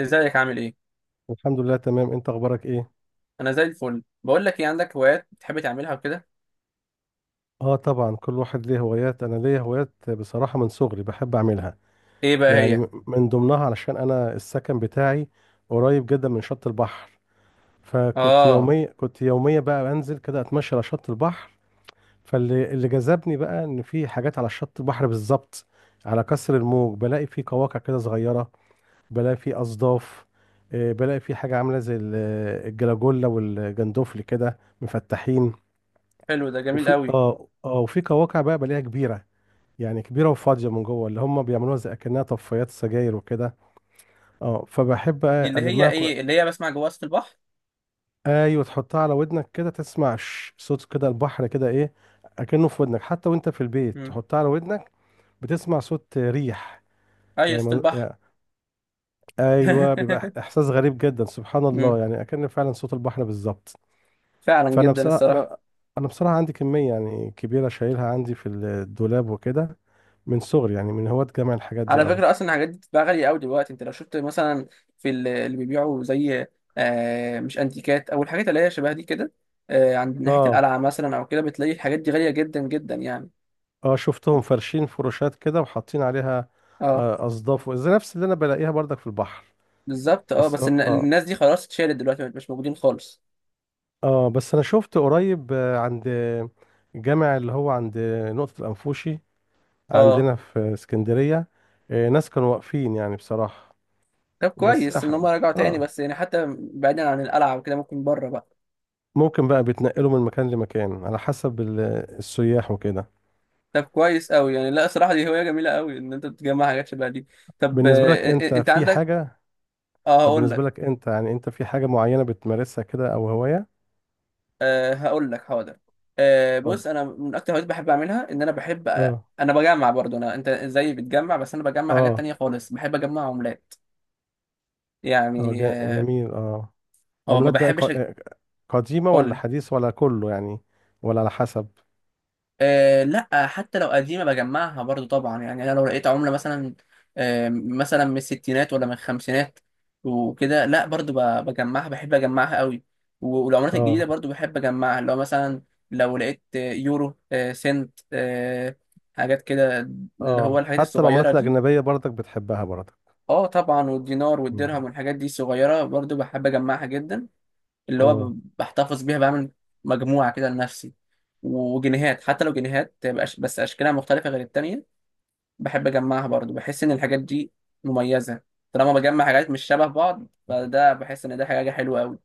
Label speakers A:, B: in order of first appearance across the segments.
A: ازيك؟ عامل ايه؟
B: الحمد لله تمام، انت اخبارك ايه؟
A: انا زي الفل. بقول لك ايه، عندك هوايات بتحب تعملها وكده؟
B: اه طبعا، كل واحد ليه هوايات. انا ليا هوايات بصراحة من صغري بحب اعملها.
A: ايه بقى
B: يعني
A: هي؟
B: من ضمنها، علشان انا السكن بتاعي قريب جدا من شط البحر. فكنت
A: اه،
B: يوميا كنت يوميا بقى بنزل كده اتمشى على شط البحر. فاللي جذبني بقى ان في حاجات على شط البحر بالظبط، على كسر الموج بلاقي في قواقع كده صغيرة، بلاقي في اصداف، بلاقي في حاجة عاملة زي الجلاجولا والجندوفلي كده مفتحين.
A: حلو، ده جميل
B: وفي
A: قوي.
B: اه اه وفي قواقع بقى بلاقيها كبيره، يعني كبيره وفاضيه من جوه، اللي هم بيعملوها زي اكنها طفايات سجاير وكده. اه فبحب
A: دي
B: بقى
A: اللي هي
B: المها
A: ايه، اللي هي بسمع جوا وسط البحر؟
B: ايوه، تحطها على ودنك كده تسمع صوت كده البحر كده ايه، اكنه في ودنك. حتى وانت في البيت
A: امم.
B: تحطها على ودنك بتسمع صوت ريح.
A: اي
B: يعني
A: وسط
B: من...
A: البحر.
B: ايوه، بيبقى احساس غريب جدا، سبحان الله،
A: امم.
B: يعني اكن فعلا صوت البحر بالظبط.
A: فعلا
B: فانا
A: جدا
B: بصراحه
A: الصراحه.
B: انا انا بصراحه عندي كميه يعني كبيره شايلها عندي في الدولاب وكده، من صغري، يعني من هواة جمع الحاجات دي
A: على
B: قوي.
A: فكره، اصلا الحاجات دي بتبقى غاليه قوي دلوقتي، انت لو شفت مثلا اللي بيبيعوا زي، مش انتيكات، او الحاجات اللي هي شبه دي كده، عند ناحيه
B: اه
A: القلعه مثلا او كده بتلاقي الحاجات دي غاليه جدا جدا يعني.
B: اه شفتهم فرشين فروشات كده وحاطين عليها
A: اه.
B: آه، اصداف زي نفس اللي انا بلاقيها برضك في البحر.
A: بالظبط. اه،
B: بس اه
A: بس
B: اه
A: الناس دي خلاص اتشالت دلوقتي، مش موجودين خالص.
B: اه بس انا شفت قريب، عند جامع اللي هو عند نقطة الأنفوشي
A: اه.
B: عندنا في اسكندرية. آه، ناس كانوا واقفين يعني، بصراحة.
A: طب
B: بس
A: كويس ان هم
B: أحب،
A: رجعوا تاني،
B: اه،
A: بس يعني حتى بعيدا عن القلعه وكده ممكن بره بقى.
B: ممكن بقى بيتنقلوا من مكان لمكان على حسب السياح وكده.
A: طب كويس قوي يعني، لا صراحه دي هوايه جميله قوي ان انت تجمع حاجات شبه دي. طب،
B: بالنسبة لك انت
A: انت
B: في
A: عندك.
B: حاجة؟
A: اه،
B: طب بالنسبة لك انت يعني انت في حاجة معينة بتمارسها كده او هواية؟
A: هقول لك حاضر.
B: اتفضل.
A: بص، انا من اكتر الهوايات بحب اعملها، ان انا بحب،
B: اه
A: انا بجمع برضو، انا انت زيي بتجمع، بس انا بجمع حاجات
B: اه
A: تانية خالص، بحب اجمع عملات.
B: اه
A: يعني
B: جا-
A: اه.
B: جميل اه
A: ما
B: عملات بقى،
A: بحبش
B: قديمة ولا
A: اقول.
B: حديث ولا كله يعني؟ ولا على حسب؟
A: أه لا، حتى لو قديمة بجمعها برضو طبعا يعني، أنا لو لقيت عملة مثلا أه مثلا من الستينات ولا من الخمسينات وكده، لا برضو بجمعها، بحب أجمعها قوي. و- والعملات الجديدة
B: اه،
A: برضو بحب أجمعها، لو مثلا لو لقيت يورو، أه سنت، أه حاجات كده، اللي هو
B: اه،
A: الحاجات
B: حتى
A: الصغيرة
B: العملات
A: دي.
B: الأجنبية برضك بتحبها برضك؟
A: اه طبعا، والدينار
B: مم.
A: والدرهم والحاجات دي الصغيرة برضو بحب أجمعها جدا. اللي هو
B: اه،
A: بحتفظ بيها، بعمل مجموعة كده لنفسي. وجنيهات، حتى لو جنيهات تبقى بس أشكالها مختلفة غير التانية، بحب أجمعها برضو. بحس إن الحاجات دي مميزة. طالما بجمع حاجات مش شبه بعض فده بحس إن ده حاجة حلوة أوي.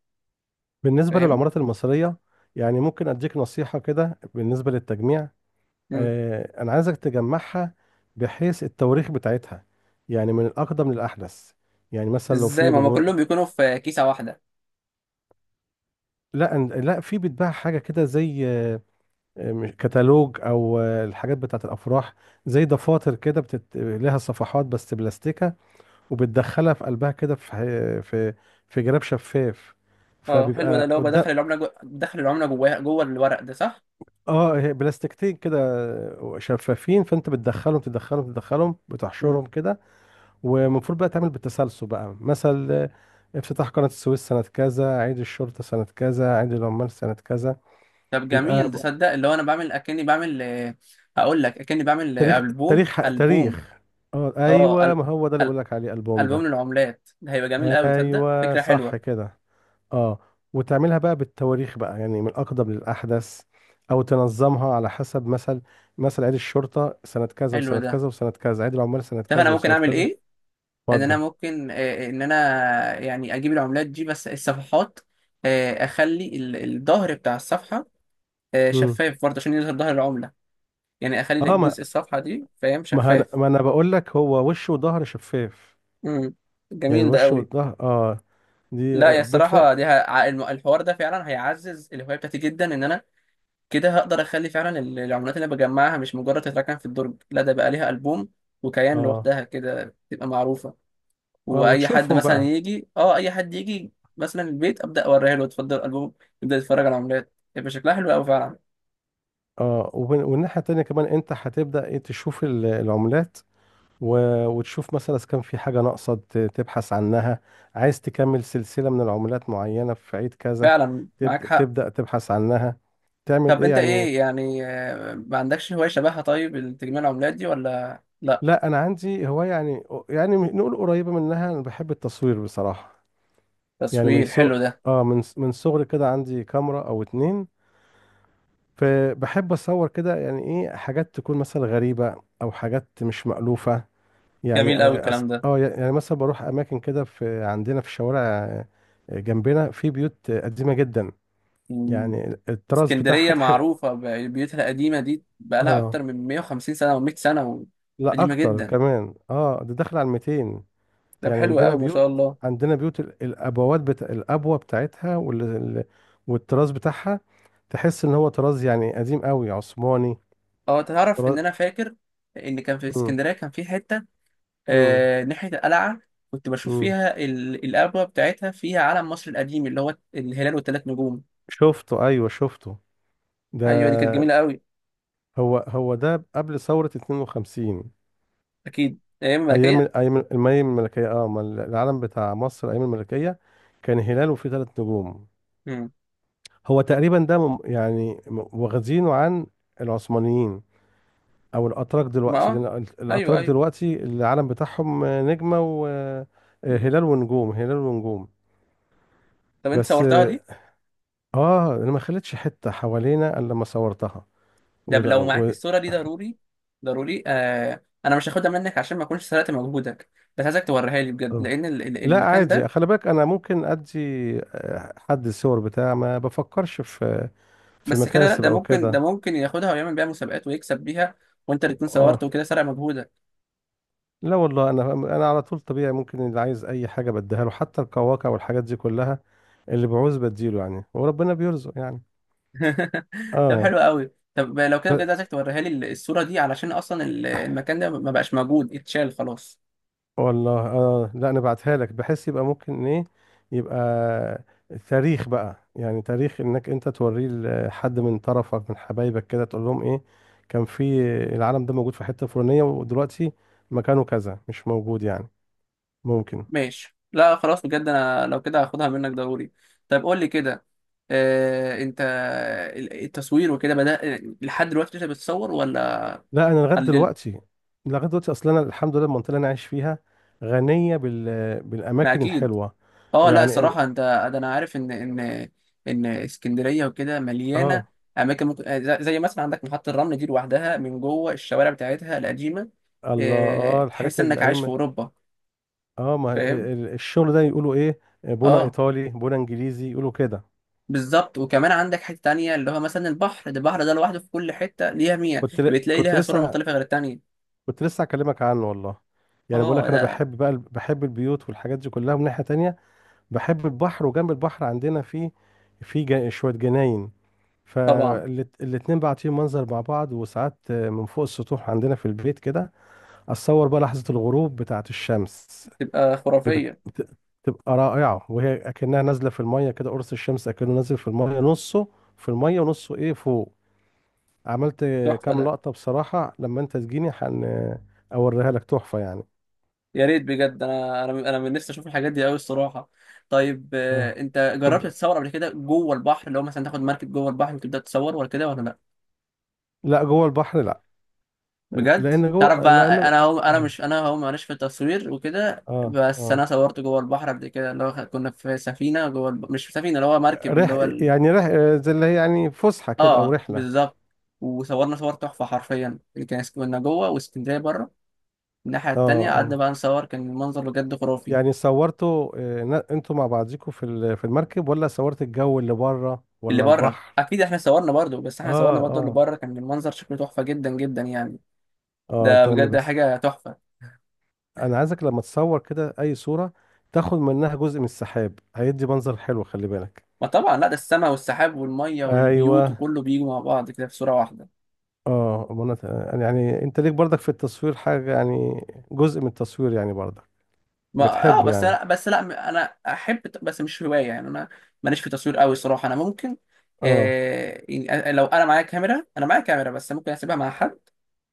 B: بالنسبة
A: فاهم؟
B: للعملات المصرية، يعني ممكن أديك نصيحة كده بالنسبة للتجميع؟
A: مم.
B: آه، انا عايزك تجمعها بحيث التواريخ بتاعتها، يعني من الاقدم للاحدث. يعني مثلا لو
A: إزاي،
B: في
A: ما هما
B: مبو...
A: كلهم بيكونوا في كيسة واحدة؟
B: لا، في بيتباع حاجه كده زي، كتالوج، او الحاجات بتاعت الافراح، زي دفاتر كده لها صفحات بس بلاستيكه، وبتدخلها في قلبها كده، في ح- في في جراب شفاف،
A: أه حلو ده،
B: فبيبقى
A: اللي هو
B: قدام.
A: بدخل العملة بدخل العملة جواها جوه الورق ده، صح؟
B: اه، هي بلاستيكتين كده، شفافين، فانت بتدخلهم تدخلهم تدخلهم
A: مم.
B: بتحشرهم كده. ومفروض بقى تعمل بالتسلسل بقى مثل، افتتاح قناة السويس سنة كذا، عيد الشرطة سنة كذا، عيد العمال سنة كذا.
A: طب
B: بيبقى
A: جميل، تصدق اللي هو أنا بعمل، أكني بعمل، آه، هقول لك أكني بعمل آه،
B: تاريخ،
A: ألبوم
B: تاريخ،
A: ألبوم.
B: تاريخ. اه،
A: أه،
B: ايوه، ما هو ده اللي بقول لك عليه، البوم
A: ألبوم
B: ده.
A: للعملات ده هيبقى جميل قوي، تصدق
B: ايوه،
A: فكرة
B: صح
A: حلوة.
B: كده. اه، وتعملها بقى بالتواريخ بقى، يعني من الاقدم للاحدث، او تنظمها على حسب مثل عيد الشرطة سنة كذا
A: حلو
B: وسنة
A: ده.
B: كذا وسنة كذا، عيد العمال سنة
A: طب أنا
B: كذا
A: ممكن
B: وسنة
A: أعمل
B: كذا.
A: إيه؟ إن أنا
B: اتفضل.
A: ممكن، إن أنا يعني أجيب العملات دي، بس الصفحات أخلي الظهر بتاع الصفحة
B: مم.
A: شفاف برضه عشان يظهر ظهر العملة. يعني أخلي
B: اه، ما
A: جزء الصفحة دي، فاهم،
B: ما, هن...
A: شفاف.
B: ما انا بقول لك هو وش وظهر شفاف.
A: امم.
B: يعني
A: جميل ده
B: الوش
A: قوي.
B: والظهر، دي
A: لا يا الصراحة دي،
B: بفرق.
A: الحوار ده فعلا هيعزز الهواية بتاعتي جدا. إن أنا كده هقدر أخلي فعلا العملات اللي أنا بجمعها مش مجرد تتركن في الدرج، لا ده بقى ليها ألبوم وكيان
B: اه،
A: لوحدها كده، تبقى معروفة.
B: اه،
A: واي حد
B: وتشوفهم
A: مثلا
B: بقى.
A: يجي، اه، اي حد يجي مثلا البيت، ابدا اوريها له، اتفضل الالبوم، يبدا يتفرج على عملات، يبقى شكلها حلو قوي فعلا.
B: اه، والناحية التانية كمان انت هتبدأ ايه، تشوف العملات، وتشوف مثلا اذا كان في حاجة ناقصة، تبحث عنها. عايز تكمل سلسلة من العملات معينة في عيد كذا،
A: فعلا معاك
B: تبدأ
A: حق.
B: تبدأ تبحث عنها، تعمل
A: طب
B: ايه
A: انت
B: يعني.
A: ايه يعني، ما عندكش هوايه شبهها، طيب؟ تجميع العملات دي ولا لا.
B: لا، انا عندي هواية يعني نقول قريبة منها، انا بحب التصوير بصراحة. يعني من
A: تصوير،
B: سو
A: حلو ده.
B: اه من من صغري كده عندي كاميرا او اتنين، فبحب اصور كده، يعني ايه، حاجات تكون مثلا غريبة او حاجات مش مألوفة. يعني
A: جميل قوي الكلام ده.
B: يعني مثلا بروح اماكن كده في عندنا في الشوارع، جنبنا في بيوت قديمة جدا،
A: مم.
B: يعني الطراز بتاعها
A: اسكندريه
B: تح...
A: معروفه ببيوتها القديمه دي، بقالها
B: اه
A: اكتر من 150 سنه و100 سنه و-،
B: لا،
A: قديمه
B: اكتر
A: جدا.
B: كمان. اه ده داخل على 200
A: طب
B: يعني.
A: حلو
B: عندنا
A: قوي، ما
B: بيوت،
A: شاء الله.
B: الابوات بتا... الابوة بتاعتها، والطراز بتاعها، تحس ان هو طراز يعني قديم قوي، عثماني،
A: اه تعرف ان
B: طراز.
A: انا فاكر ان كان في
B: امم،
A: اسكندريه كان في حته،
B: امم،
A: ناحية القلعة، كنت بشوف
B: إمم.
A: فيها القبوة بتاعتها فيها علم مصر القديم اللي هو الهلال والثلاث نجوم.
B: شفته، ايوه، شفته ده.
A: أيوة دي كانت جميلة قوي.
B: هو ده قبل ثورة 52،
A: أكيد أيام
B: ايام
A: الملكية.
B: ايام المي الملكية اه، ما العلم بتاع مصر ايام الملكية كان هلال وفيه ثلاث نجوم.
A: مم.
B: هو تقريبا ده، يعني واخدينه عن العثمانيين، او الاتراك
A: ما
B: دلوقتي،
A: أه.
B: لان
A: أيوة
B: الاتراك
A: أيوة.
B: دلوقتي العلم بتاعهم، نجمة
A: مم.
B: وهلال، ونجوم، هلال ونجوم.
A: طب أنت
B: بس
A: صورتها دي؟
B: انا ما خلتش حتة حوالينا الا لما صورتها.
A: ده لو معاك الصورة دي ضروري ضروري، آه أنا مش هاخدها منك عشان ما أكونش سرقت مجهودك، بس عايزك توريها لي بجد
B: اه،
A: لأن
B: لا،
A: المكان
B: عادي،
A: ده.
B: خلي بالك، انا ممكن ادي حد الصور بتاع، ما بفكرش في
A: بس كده، لا
B: مكاسب
A: ده
B: او
A: ممكن، ده
B: كده.
A: ممكن ياخدها ويعمل بيها مسابقات ويكسب بيها، وأنت اللي تكون صورت
B: اه،
A: وكده، سرق مجهودك.
B: لا، والله، انا على طول طبيعي، ممكن اللي عايز اي حاجه بديها له، حتى القواقع والحاجات دي كلها، اللي بعوز بديله يعني، وربنا بيرزق يعني.
A: طب
B: اه،
A: حلو قوي، طب لو كده بجد عايزك توريها لي الصورة دي، علشان أصلا المكان ده ما بقاش موجود، اتشال خلاص.
B: والله، اه، لا، انا بعتها لك بحيث يبقى ممكن ايه، يبقى تاريخ بقى يعني، تاريخ انك انت توريه لحد من طرفك، من حبايبك كده، تقول لهم ايه، كان في العالم ده موجود في حتة فلانية، ودلوقتي مكانه كذا مش موجود يعني، ممكن.
A: ماشي، لا خلاص، بجد أنا لو كده هاخدها منك ضروري. طب قول لي كده، آه أنت التصوير وكده بدأ، لحد دلوقتي أنت بتصور ولا
B: لا، انا لغاية
A: قللت؟
B: دلوقتي، اصلا انا الحمد لله، المنطقة اللي انا عايش فيها غنية
A: ما
B: بالاماكن
A: أكيد.
B: الحلوة.
A: اه لا
B: يعني إيه-،
A: الصراحه انت، ده انا عارف ان اسكندريه وكده مليانه
B: اه،
A: اماكن، ممكن زي زي مثلا عندك محطه الرمل دي لوحدها، من جوه الشوارع بتاعتها القديمه،
B: الله، اه، الحاجات،
A: تحس انك عايش في
B: الايام.
A: اوروبا.
B: اه، ما
A: فاهم.
B: الشغل ده يقولوا ايه، بونا
A: اه
B: ايطالي، بونا انجليزي، يقولوا كده.
A: بالظبط، وكمان عندك حته تانية اللي هو مثلا البحر ده، البحر ده لوحده في كل حته ليها مية،
B: كنت ل-
A: بتلاقي
B: كنت
A: ليها صوره
B: لسه
A: مختلفه غير التانية.
B: كنت لسه اكلمك عنه، والله. يعني بقول
A: اه
B: لك، انا
A: لا
B: بحب بقى بحب البيوت والحاجات دي كلها، من ناحية تانية بحب البحر. وجنب البحر عندنا في شوية جناين،
A: طبعا.
B: فالاتنين بعطيهم منظر مع بعض. وساعات من فوق السطوح عندنا في البيت كده اتصور بقى لحظة الغروب بتاعة الشمس،
A: تبقى
B: بت-
A: خرافيه.
B: بت- بتبقى رائعة وهي أكنها نازلة في المية كده، قرص الشمس أكنه نازل في المية، نصه في المية ونصه إيه فوق. عملت
A: تحفه
B: كام
A: ده.
B: لقطة بصراحة، لما أنت تجيني هن أوريها لك، تحفة يعني.
A: يا ريت بجد، انا انا انا من نفسي اشوف الحاجات دي قوي الصراحه. طيب
B: اه،
A: انت جربت
B: طب،
A: تتصور قبل كده جوه البحر، اللي هو مثلا تاخد مركب جوه البحر وتبدا تصور، ولا كده ولا لا؟
B: لا، جوه البحر لا،
A: بجد،
B: لأن
A: تعرف
B: جوه، لأن
A: بقى انا هو، انا
B: اه
A: مش، انا هو، معلش في التصوير وكده،
B: اه
A: بس
B: آه.
A: انا صورت جوه البحر قبل كده، اللي هو كنا في سفينه جوه مش في سفينه، اللي هو مركب، اللي
B: رح
A: هو ال...
B: يعني زي اللي هي يعني فسحة كده، أو
A: اه
B: رحلة.
A: بالظبط. وصورنا صور تحفه حرفيا، اللي كان كنا جوه واسكندريه بره، الناحيه
B: اه،
A: التانيه، قعدنا
B: اه،
A: بقى نصور، كان المنظر بجد خرافي.
B: يعني صورته، انتوا مع بعضيكوا في في المركب، ولا صورت الجو اللي بره،
A: اللي
B: ولا
A: بره
B: البحر؟
A: اكيد، احنا صورنا برضو، بس احنا صورنا
B: اه،
A: برضو اللي
B: اه،
A: بره، كان المنظر شكله تحفه جدا جدا يعني.
B: اه،
A: ده
B: انت لما
A: بجد
B: بت...
A: حاجه تحفه.
B: انا عايزك لما تصور كده اي صورة تاخد منها جزء من السحاب، هيدي منظر حلو، خلي بالك.
A: ما طبعا، لا ده السماء والسحاب والميه والبيوت
B: ايوه.
A: وكله بيجوا مع بعض كده في صوره واحده.
B: اه، منت... يعني انت ليك برضك في التصوير حاجة يعني، جزء من التصوير يعني برضك،
A: ما
B: بتحبه
A: بس
B: يعني.
A: لا، بس لا انا احب، بس مش هوايه يعني، انا ماليش في تصوير قوي صراحه. انا ممكن،
B: اه.
A: آه يعني لو انا معايا كاميرا، انا معايا كاميرا بس ممكن اسيبها مع حد،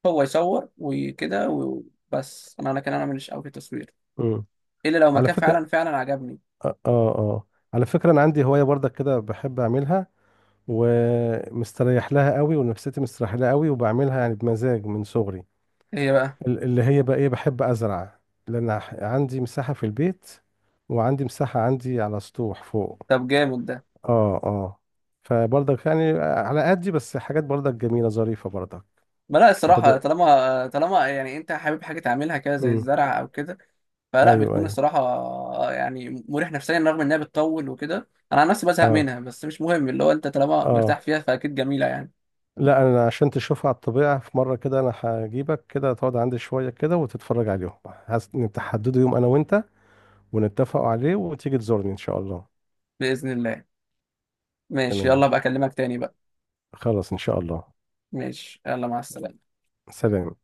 A: هو يصور وكده وبس. انا انا كان انا ماليش قوي في التصوير،
B: امم
A: الا لو
B: على
A: مكان
B: فكرة،
A: فعلا فعلا عجبني.
B: اه اه آه. على فكرة، انا عندي هواية برضك كده بحب اعملها، ومستريح لها قوي، ونفسيتي مستريح لها قوي، وبعملها يعني بمزاج من صغري،
A: ايه بقى؟
B: اللي هي بقى ايه، بحب ازرع، لان عندي مساحة في البيت، وعندي مساحة عندي على سطوح فوق.
A: طب جامد ده.
B: اه، اه، فبرضك يعني على قدي بس، حاجات برضك جميلة ظريفة برضك.
A: ما لا الصراحة،
B: خد.
A: طالما طالما يعني انت حابب حاجة تعملها كده زي
B: امم.
A: الزرع او كده، فلا
B: ايوه
A: بتكون
B: ايوه
A: الصراحة يعني مريح نفسيا، رغم انها بتطول وكده انا عن نفسي بزهق
B: اه،
A: منها، بس مش مهم، اللي هو انت طالما
B: اه،
A: مرتاح فيها فاكيد جميلة يعني.
B: لا، انا عشان تشوفها على الطبيعة في مرة كده، انا هجيبك كده تقعد عندي شوية كده وتتفرج عليهم، نتحددوا يوم انا وانت، ونتفقوا عليه، وتيجي تزورني ان شاء الله.
A: بإذن الله. ماشي، يلا
B: تمام.
A: بقى اكلمك تاني بقى.
B: خلاص، ان شاء الله.
A: ماشي، يلا، مع السلامة.
B: سلام.